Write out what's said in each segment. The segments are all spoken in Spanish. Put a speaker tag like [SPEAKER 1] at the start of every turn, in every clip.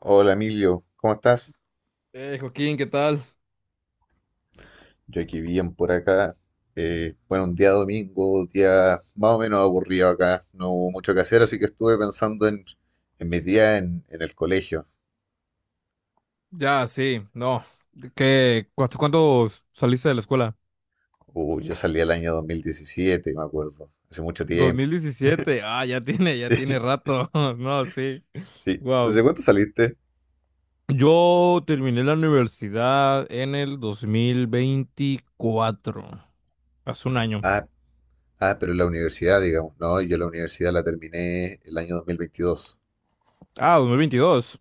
[SPEAKER 1] Hola Emilio, ¿cómo estás?
[SPEAKER 2] Joaquín, ¿qué tal?
[SPEAKER 1] Yo aquí bien por acá. Bueno, un día domingo, día más o menos aburrido acá. No hubo mucho que hacer, así que estuve pensando en mis días en el colegio.
[SPEAKER 2] Ya, sí, no. ¿Qué, cuánto, cuándo saliste de la escuela?
[SPEAKER 1] Yo salí el año 2017, me acuerdo. Hace mucho
[SPEAKER 2] Dos
[SPEAKER 1] tiempo.
[SPEAKER 2] mil diecisiete, Ah, ya tiene
[SPEAKER 1] Sí,
[SPEAKER 2] rato. No, sí.
[SPEAKER 1] sí.
[SPEAKER 2] Wow.
[SPEAKER 1] Entonces, ¿cuánto saliste?
[SPEAKER 2] Yo terminé la universidad en el 2024. Hace un año.
[SPEAKER 1] Ah, ah, pero en la universidad, digamos. No, yo la universidad la terminé el año 2022.
[SPEAKER 2] Ah, 2022.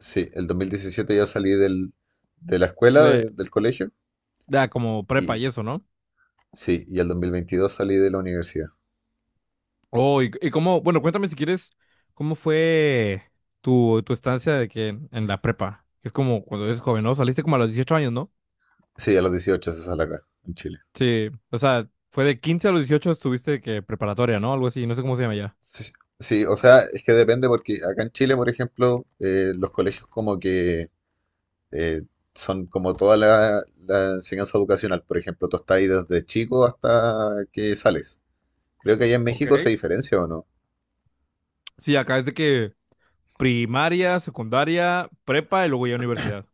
[SPEAKER 1] Sí, el 2017 yo salí de la escuela,
[SPEAKER 2] De,
[SPEAKER 1] del colegio.
[SPEAKER 2] ya, como prepa
[SPEAKER 1] Y,
[SPEAKER 2] y eso, ¿no?
[SPEAKER 1] sí, y el 2022 salí de la universidad.
[SPEAKER 2] Oh, y cómo, bueno, cuéntame si quieres, ¿cómo fue tu estancia de que en la prepa? Es como cuando eres joven, ¿no? Saliste como a los 18 años, ¿no?
[SPEAKER 1] Sí, a los 18 se sale acá, en Chile.
[SPEAKER 2] Sí, o sea, fue de 15 a los 18 estuviste que preparatoria, ¿no? Algo así, no sé cómo se llama ya.
[SPEAKER 1] Sí, sí, o sea, es que depende porque acá en Chile, por ejemplo, los colegios como que eh, son como toda la enseñanza educacional. Por ejemplo, tú estás ahí desde chico hasta que sales. Creo que allá en
[SPEAKER 2] Ok.
[SPEAKER 1] México se diferencia o no.
[SPEAKER 2] Sí, acá es de que primaria, secundaria, prepa y luego ya universidad.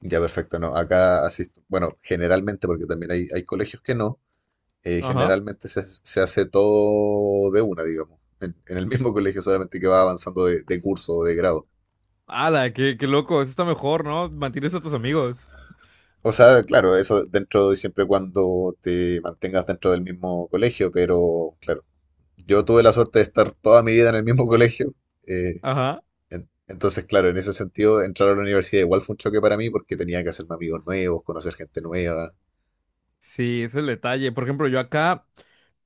[SPEAKER 1] Ya, perfecto, no. Acá asisto, bueno, generalmente porque también hay colegios que no,
[SPEAKER 2] Ajá.
[SPEAKER 1] generalmente se hace todo de una, digamos, en el mismo colegio, solamente que va avanzando de curso o de grado.
[SPEAKER 2] Ala, qué loco, eso está mejor, ¿no? Mantienes a tus amigos.
[SPEAKER 1] O sea, claro, eso dentro de siempre y cuando te mantengas dentro del mismo colegio, pero claro, yo tuve la suerte de estar toda mi vida en el mismo colegio. eh,
[SPEAKER 2] Ajá.
[SPEAKER 1] entonces, claro, en ese sentido, entrar a la universidad igual fue un choque para mí porque tenía que hacerme amigos nuevos, conocer gente nueva.
[SPEAKER 2] Sí, ese es el detalle. Por ejemplo, yo acá,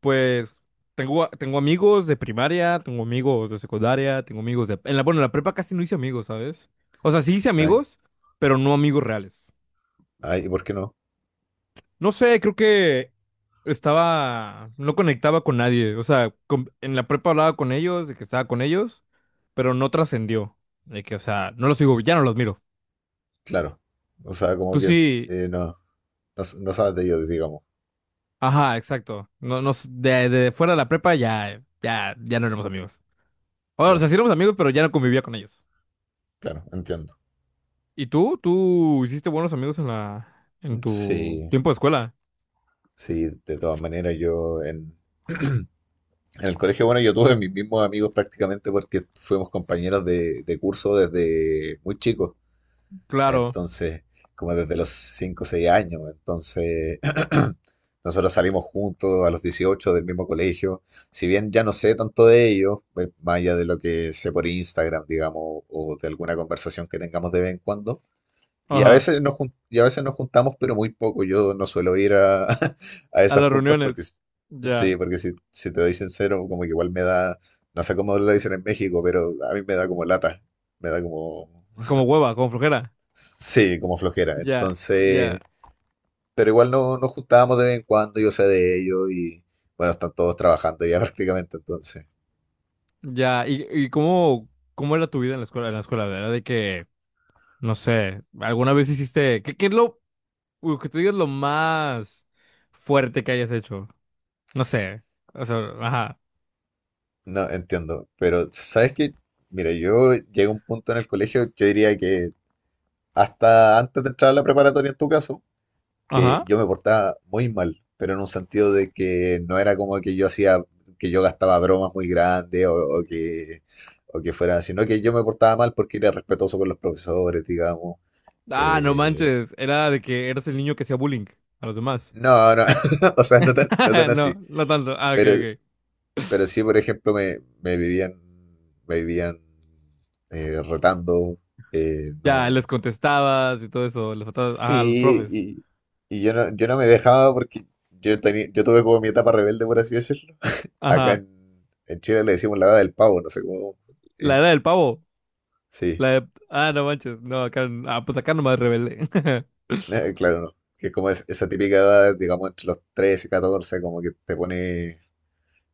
[SPEAKER 2] pues, tengo amigos de primaria, tengo amigos de secundaria, tengo amigos de... bueno, en la prepa casi no hice amigos, ¿sabes? O sea, sí hice
[SPEAKER 1] Ay,
[SPEAKER 2] amigos, pero no amigos reales.
[SPEAKER 1] ay, ¿por qué no?
[SPEAKER 2] No sé, creo que estaba, no conectaba con nadie. O sea, en la prepa hablaba con ellos, de que estaba con ellos, pero no trascendió. De que, o sea, no los sigo, ya no los miro.
[SPEAKER 1] Claro. O sea, como
[SPEAKER 2] Tú
[SPEAKER 1] que
[SPEAKER 2] sí,
[SPEAKER 1] eh, no, no, no sabes de ellos, digamos.
[SPEAKER 2] ajá, exacto. No, no, de fuera de la prepa ya no éramos amigos. O
[SPEAKER 1] Ya,
[SPEAKER 2] sea, sí éramos amigos, pero ya no convivía con ellos.
[SPEAKER 1] claro, entiendo.
[SPEAKER 2] ¿Y tú? ¿Tú hiciste buenos amigos en tu
[SPEAKER 1] Sí,
[SPEAKER 2] tiempo de escuela?
[SPEAKER 1] sí, de todas maneras yo en el colegio, bueno, yo tuve mis mismos amigos prácticamente porque fuimos compañeros de curso desde muy chicos,
[SPEAKER 2] Claro,
[SPEAKER 1] entonces, como desde los 5 o 6 años, entonces nosotros salimos juntos a los 18 del mismo colegio, si bien ya no sé tanto de ellos, pues, más allá de lo que sé por Instagram, digamos, o de alguna conversación que tengamos de vez en cuando. Y a
[SPEAKER 2] ajá,
[SPEAKER 1] veces nos juntamos, pero muy poco. Yo no suelo ir a, a
[SPEAKER 2] a
[SPEAKER 1] esas
[SPEAKER 2] las
[SPEAKER 1] juntas porque,
[SPEAKER 2] reuniones.
[SPEAKER 1] sí,
[SPEAKER 2] Ya,
[SPEAKER 1] porque si te doy sincero, como que igual me da, no sé cómo lo dicen en México, pero a mí me da como lata, me da como,
[SPEAKER 2] como hueva, como flojera.
[SPEAKER 1] sí, como flojera.
[SPEAKER 2] Ya, ya.
[SPEAKER 1] Entonces, pero igual no, nos juntábamos de vez en cuando, yo sé de ellos y bueno, están todos trabajando ya prácticamente, entonces,
[SPEAKER 2] Ya, ¿y cómo era tu vida en la escuela? En la escuela, ¿era de que, no sé, alguna vez hiciste, qué es lo que tú digas lo más fuerte que hayas hecho? No sé, o sea, ajá,
[SPEAKER 1] no entiendo. Pero, ¿sabes qué? Mira, yo llegué a un punto en el colegio, yo diría que hasta antes de entrar a la preparatoria en tu caso que
[SPEAKER 2] ajá.
[SPEAKER 1] yo me portaba muy mal, pero en un sentido de que no era como que yo hacía, que yo gastaba bromas muy grandes o que fuera, sino que yo me portaba mal porque era respetuoso con los profesores, digamos.
[SPEAKER 2] Ah, no
[SPEAKER 1] Eh,
[SPEAKER 2] manches, era de que eras el niño que hacía bullying a los demás.
[SPEAKER 1] no, no, o sea, no tan así.
[SPEAKER 2] No, no tanto. Ah, ok,
[SPEAKER 1] Pero,
[SPEAKER 2] ok.
[SPEAKER 1] pero sí, por ejemplo, me vivían retando,
[SPEAKER 2] Ya,
[SPEAKER 1] no.
[SPEAKER 2] les contestabas y todo eso, les faltabas, ajá, a los
[SPEAKER 1] Sí,
[SPEAKER 2] profes.
[SPEAKER 1] y yo no, yo no me dejaba porque yo tenía, yo tuve como mi etapa rebelde, por así decirlo. Acá
[SPEAKER 2] Ajá,
[SPEAKER 1] en, en Chile le decimos la edad del pavo, no sé cómo.
[SPEAKER 2] la
[SPEAKER 1] eh,
[SPEAKER 2] era del pavo.
[SPEAKER 1] sí,
[SPEAKER 2] Ah, no manches, no, acá, ah, pues acá nomás rebelde.
[SPEAKER 1] claro, no. Que es como esa típica edad, digamos, entre los 13 y 14, como que te pone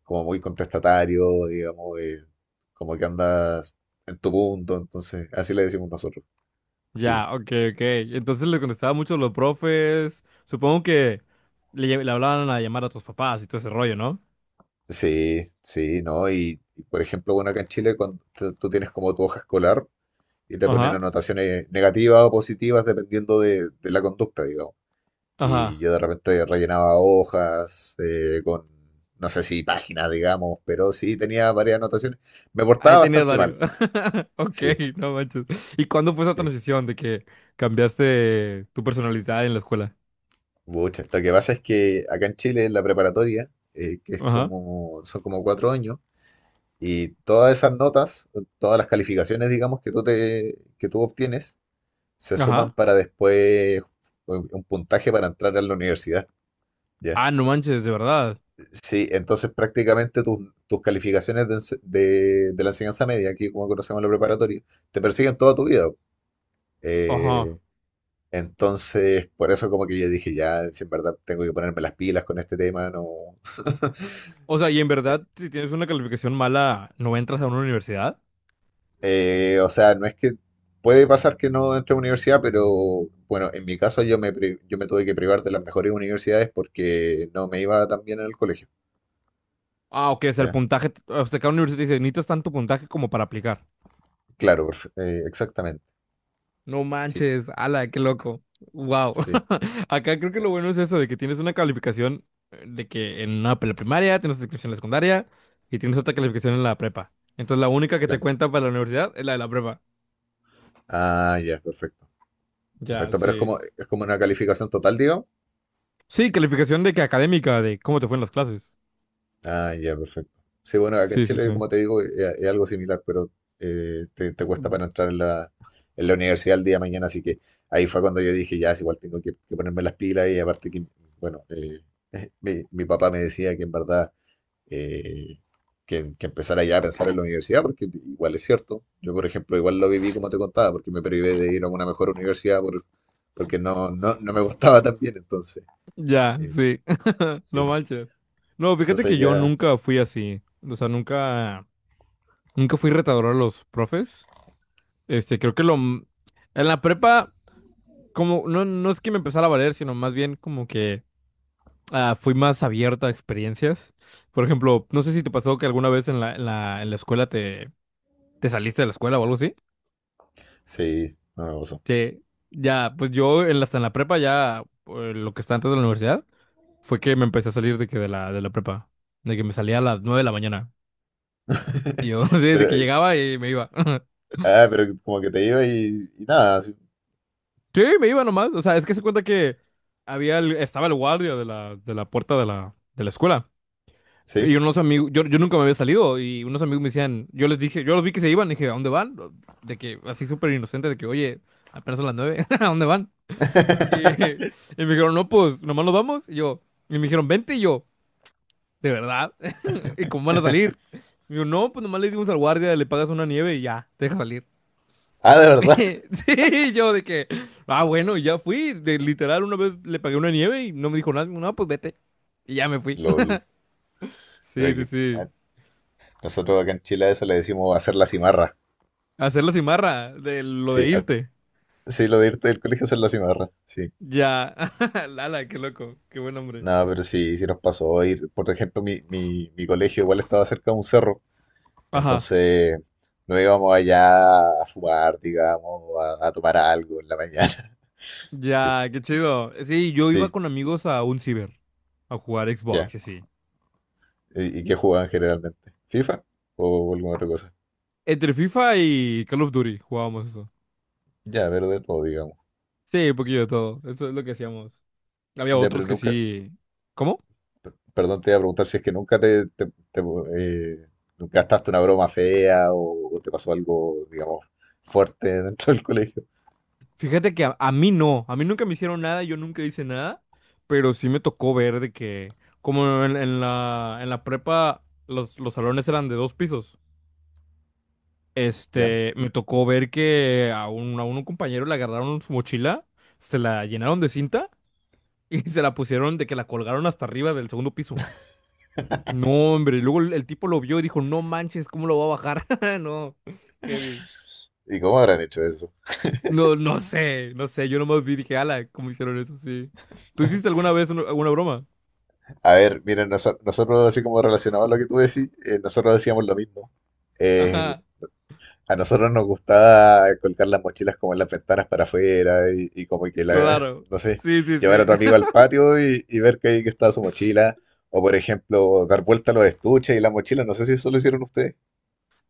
[SPEAKER 1] como muy contestatario, digamos, como que andas en tu punto, entonces, así le decimos nosotros. Sí,
[SPEAKER 2] Ya, ok, ok. Entonces le contestaba mucho a los profes. Supongo que le hablaban a llamar a tus papás y todo ese rollo, ¿no?
[SPEAKER 1] sí, sí, ¿no? Y, por ejemplo, bueno, acá en Chile, cuando tú tienes como tu hoja escolar y te ponen
[SPEAKER 2] Ajá,
[SPEAKER 1] anotaciones negativas o positivas dependiendo de la conducta, digamos. Y
[SPEAKER 2] ajá.
[SPEAKER 1] yo de repente rellenaba hojas no sé si páginas, digamos, pero sí tenía varias anotaciones. Me portaba
[SPEAKER 2] Ahí tenías
[SPEAKER 1] bastante
[SPEAKER 2] varios.
[SPEAKER 1] mal,
[SPEAKER 2] Ok,
[SPEAKER 1] sí,
[SPEAKER 2] no manches. ¿Y cuándo fue esa
[SPEAKER 1] sí.
[SPEAKER 2] transición de que cambiaste tu personalidad en la escuela?
[SPEAKER 1] Muchas. Lo que pasa es que acá en Chile, en la preparatoria, que es
[SPEAKER 2] Ajá,
[SPEAKER 1] como, son como 4 años, y todas esas notas, todas las calificaciones, digamos, que tú obtienes, se suman
[SPEAKER 2] ajá.
[SPEAKER 1] para después un puntaje para entrar a la universidad, ¿ya?
[SPEAKER 2] Ah, no manches, de verdad.
[SPEAKER 1] Sí, entonces prácticamente tus, tus calificaciones de, de la enseñanza media, aquí como conocemos la preparatoria, te persiguen toda tu vida. Eh,
[SPEAKER 2] Ajá.
[SPEAKER 1] entonces, por eso como que yo dije, ya, si en verdad tengo que ponerme las pilas con este tema, no...
[SPEAKER 2] O sea, y en verdad, si tienes una calificación mala, ¿no entras a una universidad?
[SPEAKER 1] O sea, no es que puede pasar que no entre a universidad, pero bueno, en mi caso yo me tuve que privar de las mejores universidades porque no me iba tan bien en el colegio.
[SPEAKER 2] Ah, ok, o sea, el
[SPEAKER 1] ¿Ya?
[SPEAKER 2] puntaje, o sea, cada universidad te dice, necesitas tanto puntaje como para aplicar.
[SPEAKER 1] Claro, exactamente.
[SPEAKER 2] No
[SPEAKER 1] Sí,
[SPEAKER 2] manches, ala, qué loco. Wow.
[SPEAKER 1] sí,
[SPEAKER 2] Acá creo que lo bueno es eso, de que tienes una calificación de que en una primaria, tienes otra calificación en la secundaria y tienes otra calificación en la prepa. Entonces la única que te
[SPEAKER 1] claro.
[SPEAKER 2] cuenta para la universidad es la de la prepa.
[SPEAKER 1] Ah, ya, perfecto.
[SPEAKER 2] Ya,
[SPEAKER 1] Perfecto, pero
[SPEAKER 2] sí.
[SPEAKER 1] es como una calificación total, digamos.
[SPEAKER 2] Sí, calificación de que académica, de cómo te fue en las clases.
[SPEAKER 1] Ah, ya, perfecto. Sí, bueno, acá en
[SPEAKER 2] Sí, sí,
[SPEAKER 1] Chile,
[SPEAKER 2] sí.
[SPEAKER 1] como te digo, es algo similar, pero te cuesta
[SPEAKER 2] Mm.
[SPEAKER 1] para entrar en la universidad el día de mañana, así que ahí fue cuando yo dije, ya, es igual tengo que ponerme las pilas y aparte que, bueno, mi papá me decía que en verdad eh, que empezara ya a pensar en la universidad, porque igual es cierto. Yo, por ejemplo, igual lo viví como te contaba, porque me privé de ir a una mejor universidad porque no, no, no me gustaba tan bien, entonces,
[SPEAKER 2] Ya,
[SPEAKER 1] eh,
[SPEAKER 2] sí.
[SPEAKER 1] sí.
[SPEAKER 2] No manches. No, fíjate
[SPEAKER 1] Entonces
[SPEAKER 2] que yo
[SPEAKER 1] ya,
[SPEAKER 2] nunca fui así. O sea, nunca fui retador a los profes. Este, creo que lo, en la prepa. Como, no, no es que me empezara a valer, sino más bien como que fui más abierta a experiencias. Por ejemplo, no sé si te pasó que alguna vez en la escuela te saliste de la escuela o algo así.
[SPEAKER 1] sí, no me pasó.
[SPEAKER 2] Que ya, pues yo en la, hasta en la prepa, ya lo que está antes de la universidad, fue que me empecé a salir de que de la prepa. De que me salía a las 9 de la mañana. Y yo, sí,
[SPEAKER 1] Pero,
[SPEAKER 2] de que llegaba y me iba.
[SPEAKER 1] pero como que te iba y nada, sí,
[SPEAKER 2] Sí, me iba nomás. O sea, es que se cuenta que había estaba el guardia de la puerta de la escuela.
[SPEAKER 1] sí,
[SPEAKER 2] Y unos amigos, yo nunca me había salido y unos amigos me decían, yo les dije, yo los vi que se iban, dije, ¿a dónde van? De que, así súper inocente, de que, oye, apenas son las 9, ¿a dónde van? Y me dijeron, no, pues, nomás nos vamos. Y yo, y me dijeron, vente, y yo, ¿de verdad? ¿Y cómo van a salir? Y yo, no, pues nomás le decimos al guardia, le pagas una nieve y ya, te deja salir.
[SPEAKER 1] ah, de verdad.
[SPEAKER 2] Sí, y yo de que, ah, bueno, y ya fui, de, literal, una vez le pagué una nieve y no me dijo nada, no, pues vete, y ya me fui.
[SPEAKER 1] LOL. Pero
[SPEAKER 2] Sí, sí,
[SPEAKER 1] aquí, ah,
[SPEAKER 2] sí.
[SPEAKER 1] nosotros acá en Chile a eso le decimos hacer la cimarra.
[SPEAKER 2] Hacer la cimarra de lo
[SPEAKER 1] Sí,
[SPEAKER 2] de
[SPEAKER 1] ah,
[SPEAKER 2] irte.
[SPEAKER 1] sí, lo de irte del colegio a hacer la cimarra, sí.
[SPEAKER 2] Ya, lala, qué loco, qué buen hombre.
[SPEAKER 1] No, pero sí, sí nos pasó ir, por ejemplo, mi colegio igual estaba cerca de un cerro,
[SPEAKER 2] Ajá,
[SPEAKER 1] entonces nos íbamos allá a fumar, digamos, a tomar algo en la mañana. Sí,
[SPEAKER 2] ya, qué chido. Sí, yo iba
[SPEAKER 1] sí,
[SPEAKER 2] con amigos a un ciber, a jugar
[SPEAKER 1] ya.
[SPEAKER 2] Xbox y así.
[SPEAKER 1] Y qué jugaban generalmente? ¿FIFA o alguna otra cosa?
[SPEAKER 2] Entre FIFA y Call of Duty jugábamos eso.
[SPEAKER 1] Ya, pero de todo, digamos.
[SPEAKER 2] Sí, un poquillo de todo, eso es lo que hacíamos. Había
[SPEAKER 1] Ya, pero
[SPEAKER 2] otros que
[SPEAKER 1] nunca,
[SPEAKER 2] sí. ¿Cómo?
[SPEAKER 1] perdón, te iba a preguntar si es que nunca eh, gastaste una broma fea o te pasó algo, digamos, fuerte dentro del colegio.
[SPEAKER 2] Fíjate que a mí no, a mí nunca me hicieron nada, yo nunca hice nada, pero sí me tocó ver de que, como en la prepa, los salones eran de dos pisos.
[SPEAKER 1] ¿Ya?
[SPEAKER 2] Este, me tocó ver que a un compañero le agarraron su mochila, se la llenaron de cinta y se la pusieron de que la colgaron hasta arriba del segundo piso. No, hombre, y luego el tipo lo vio y dijo, no manches, ¿cómo lo va a bajar? No, heavy.
[SPEAKER 1] ¿Y cómo habrán hecho eso?
[SPEAKER 2] No, no sé, yo nomás vi y dije, ala, ¿cómo hicieron eso? Sí. ¿Tú hiciste alguna vez alguna broma?
[SPEAKER 1] A ver, miren, nosotros, así como relacionado a lo que tú decís, nosotros decíamos lo mismo. Eh,
[SPEAKER 2] Ajá,
[SPEAKER 1] A nosotros nos gustaba colgar las mochilas como en las ventanas para afuera y como que la,
[SPEAKER 2] claro.
[SPEAKER 1] no sé,
[SPEAKER 2] Sí, sí,
[SPEAKER 1] llevar a
[SPEAKER 2] sí.
[SPEAKER 1] tu amigo al patio y ver que ahí que estaba su mochila. O por ejemplo, dar vuelta a los estuches y las mochilas. No sé si eso lo hicieron ustedes.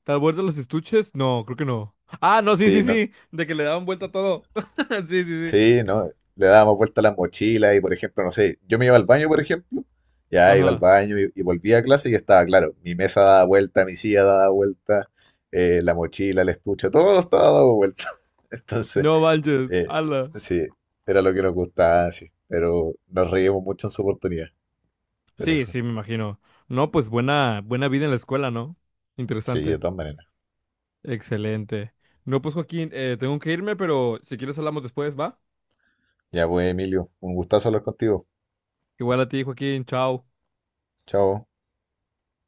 [SPEAKER 2] ¿Tal vuelta los estuches? No, creo que no. Ah, no, sí,
[SPEAKER 1] Sí,
[SPEAKER 2] sí,
[SPEAKER 1] no.
[SPEAKER 2] sí, de que le daban vuelta a todo. Sí, sí, sí.
[SPEAKER 1] Sí, no. Le dábamos vuelta a las mochilas y por ejemplo, no sé, yo me iba al baño, por ejemplo. Ya iba al
[SPEAKER 2] Ajá.
[SPEAKER 1] baño y volvía a clase y estaba claro. Mi mesa daba vuelta, mi silla daba vuelta, la mochila, el estuche, todo estaba dado vuelta. Entonces...
[SPEAKER 2] No manches,
[SPEAKER 1] Eh,
[SPEAKER 2] ala.
[SPEAKER 1] sí, era lo que nos gustaba, sí. Pero nos reímos mucho en su oportunidad con
[SPEAKER 2] Sí,
[SPEAKER 1] eso.
[SPEAKER 2] sí, me imagino. No, pues buena, buena vida en la escuela, ¿no?
[SPEAKER 1] Sí, de
[SPEAKER 2] Interesante.
[SPEAKER 1] todas maneras.
[SPEAKER 2] Excelente. No, pues Joaquín, tengo que irme, pero si quieres hablamos después, ¿va?
[SPEAKER 1] Ya pues, Emilio, un gustazo hablar contigo.
[SPEAKER 2] Igual a ti, Joaquín, chao.
[SPEAKER 1] Chao.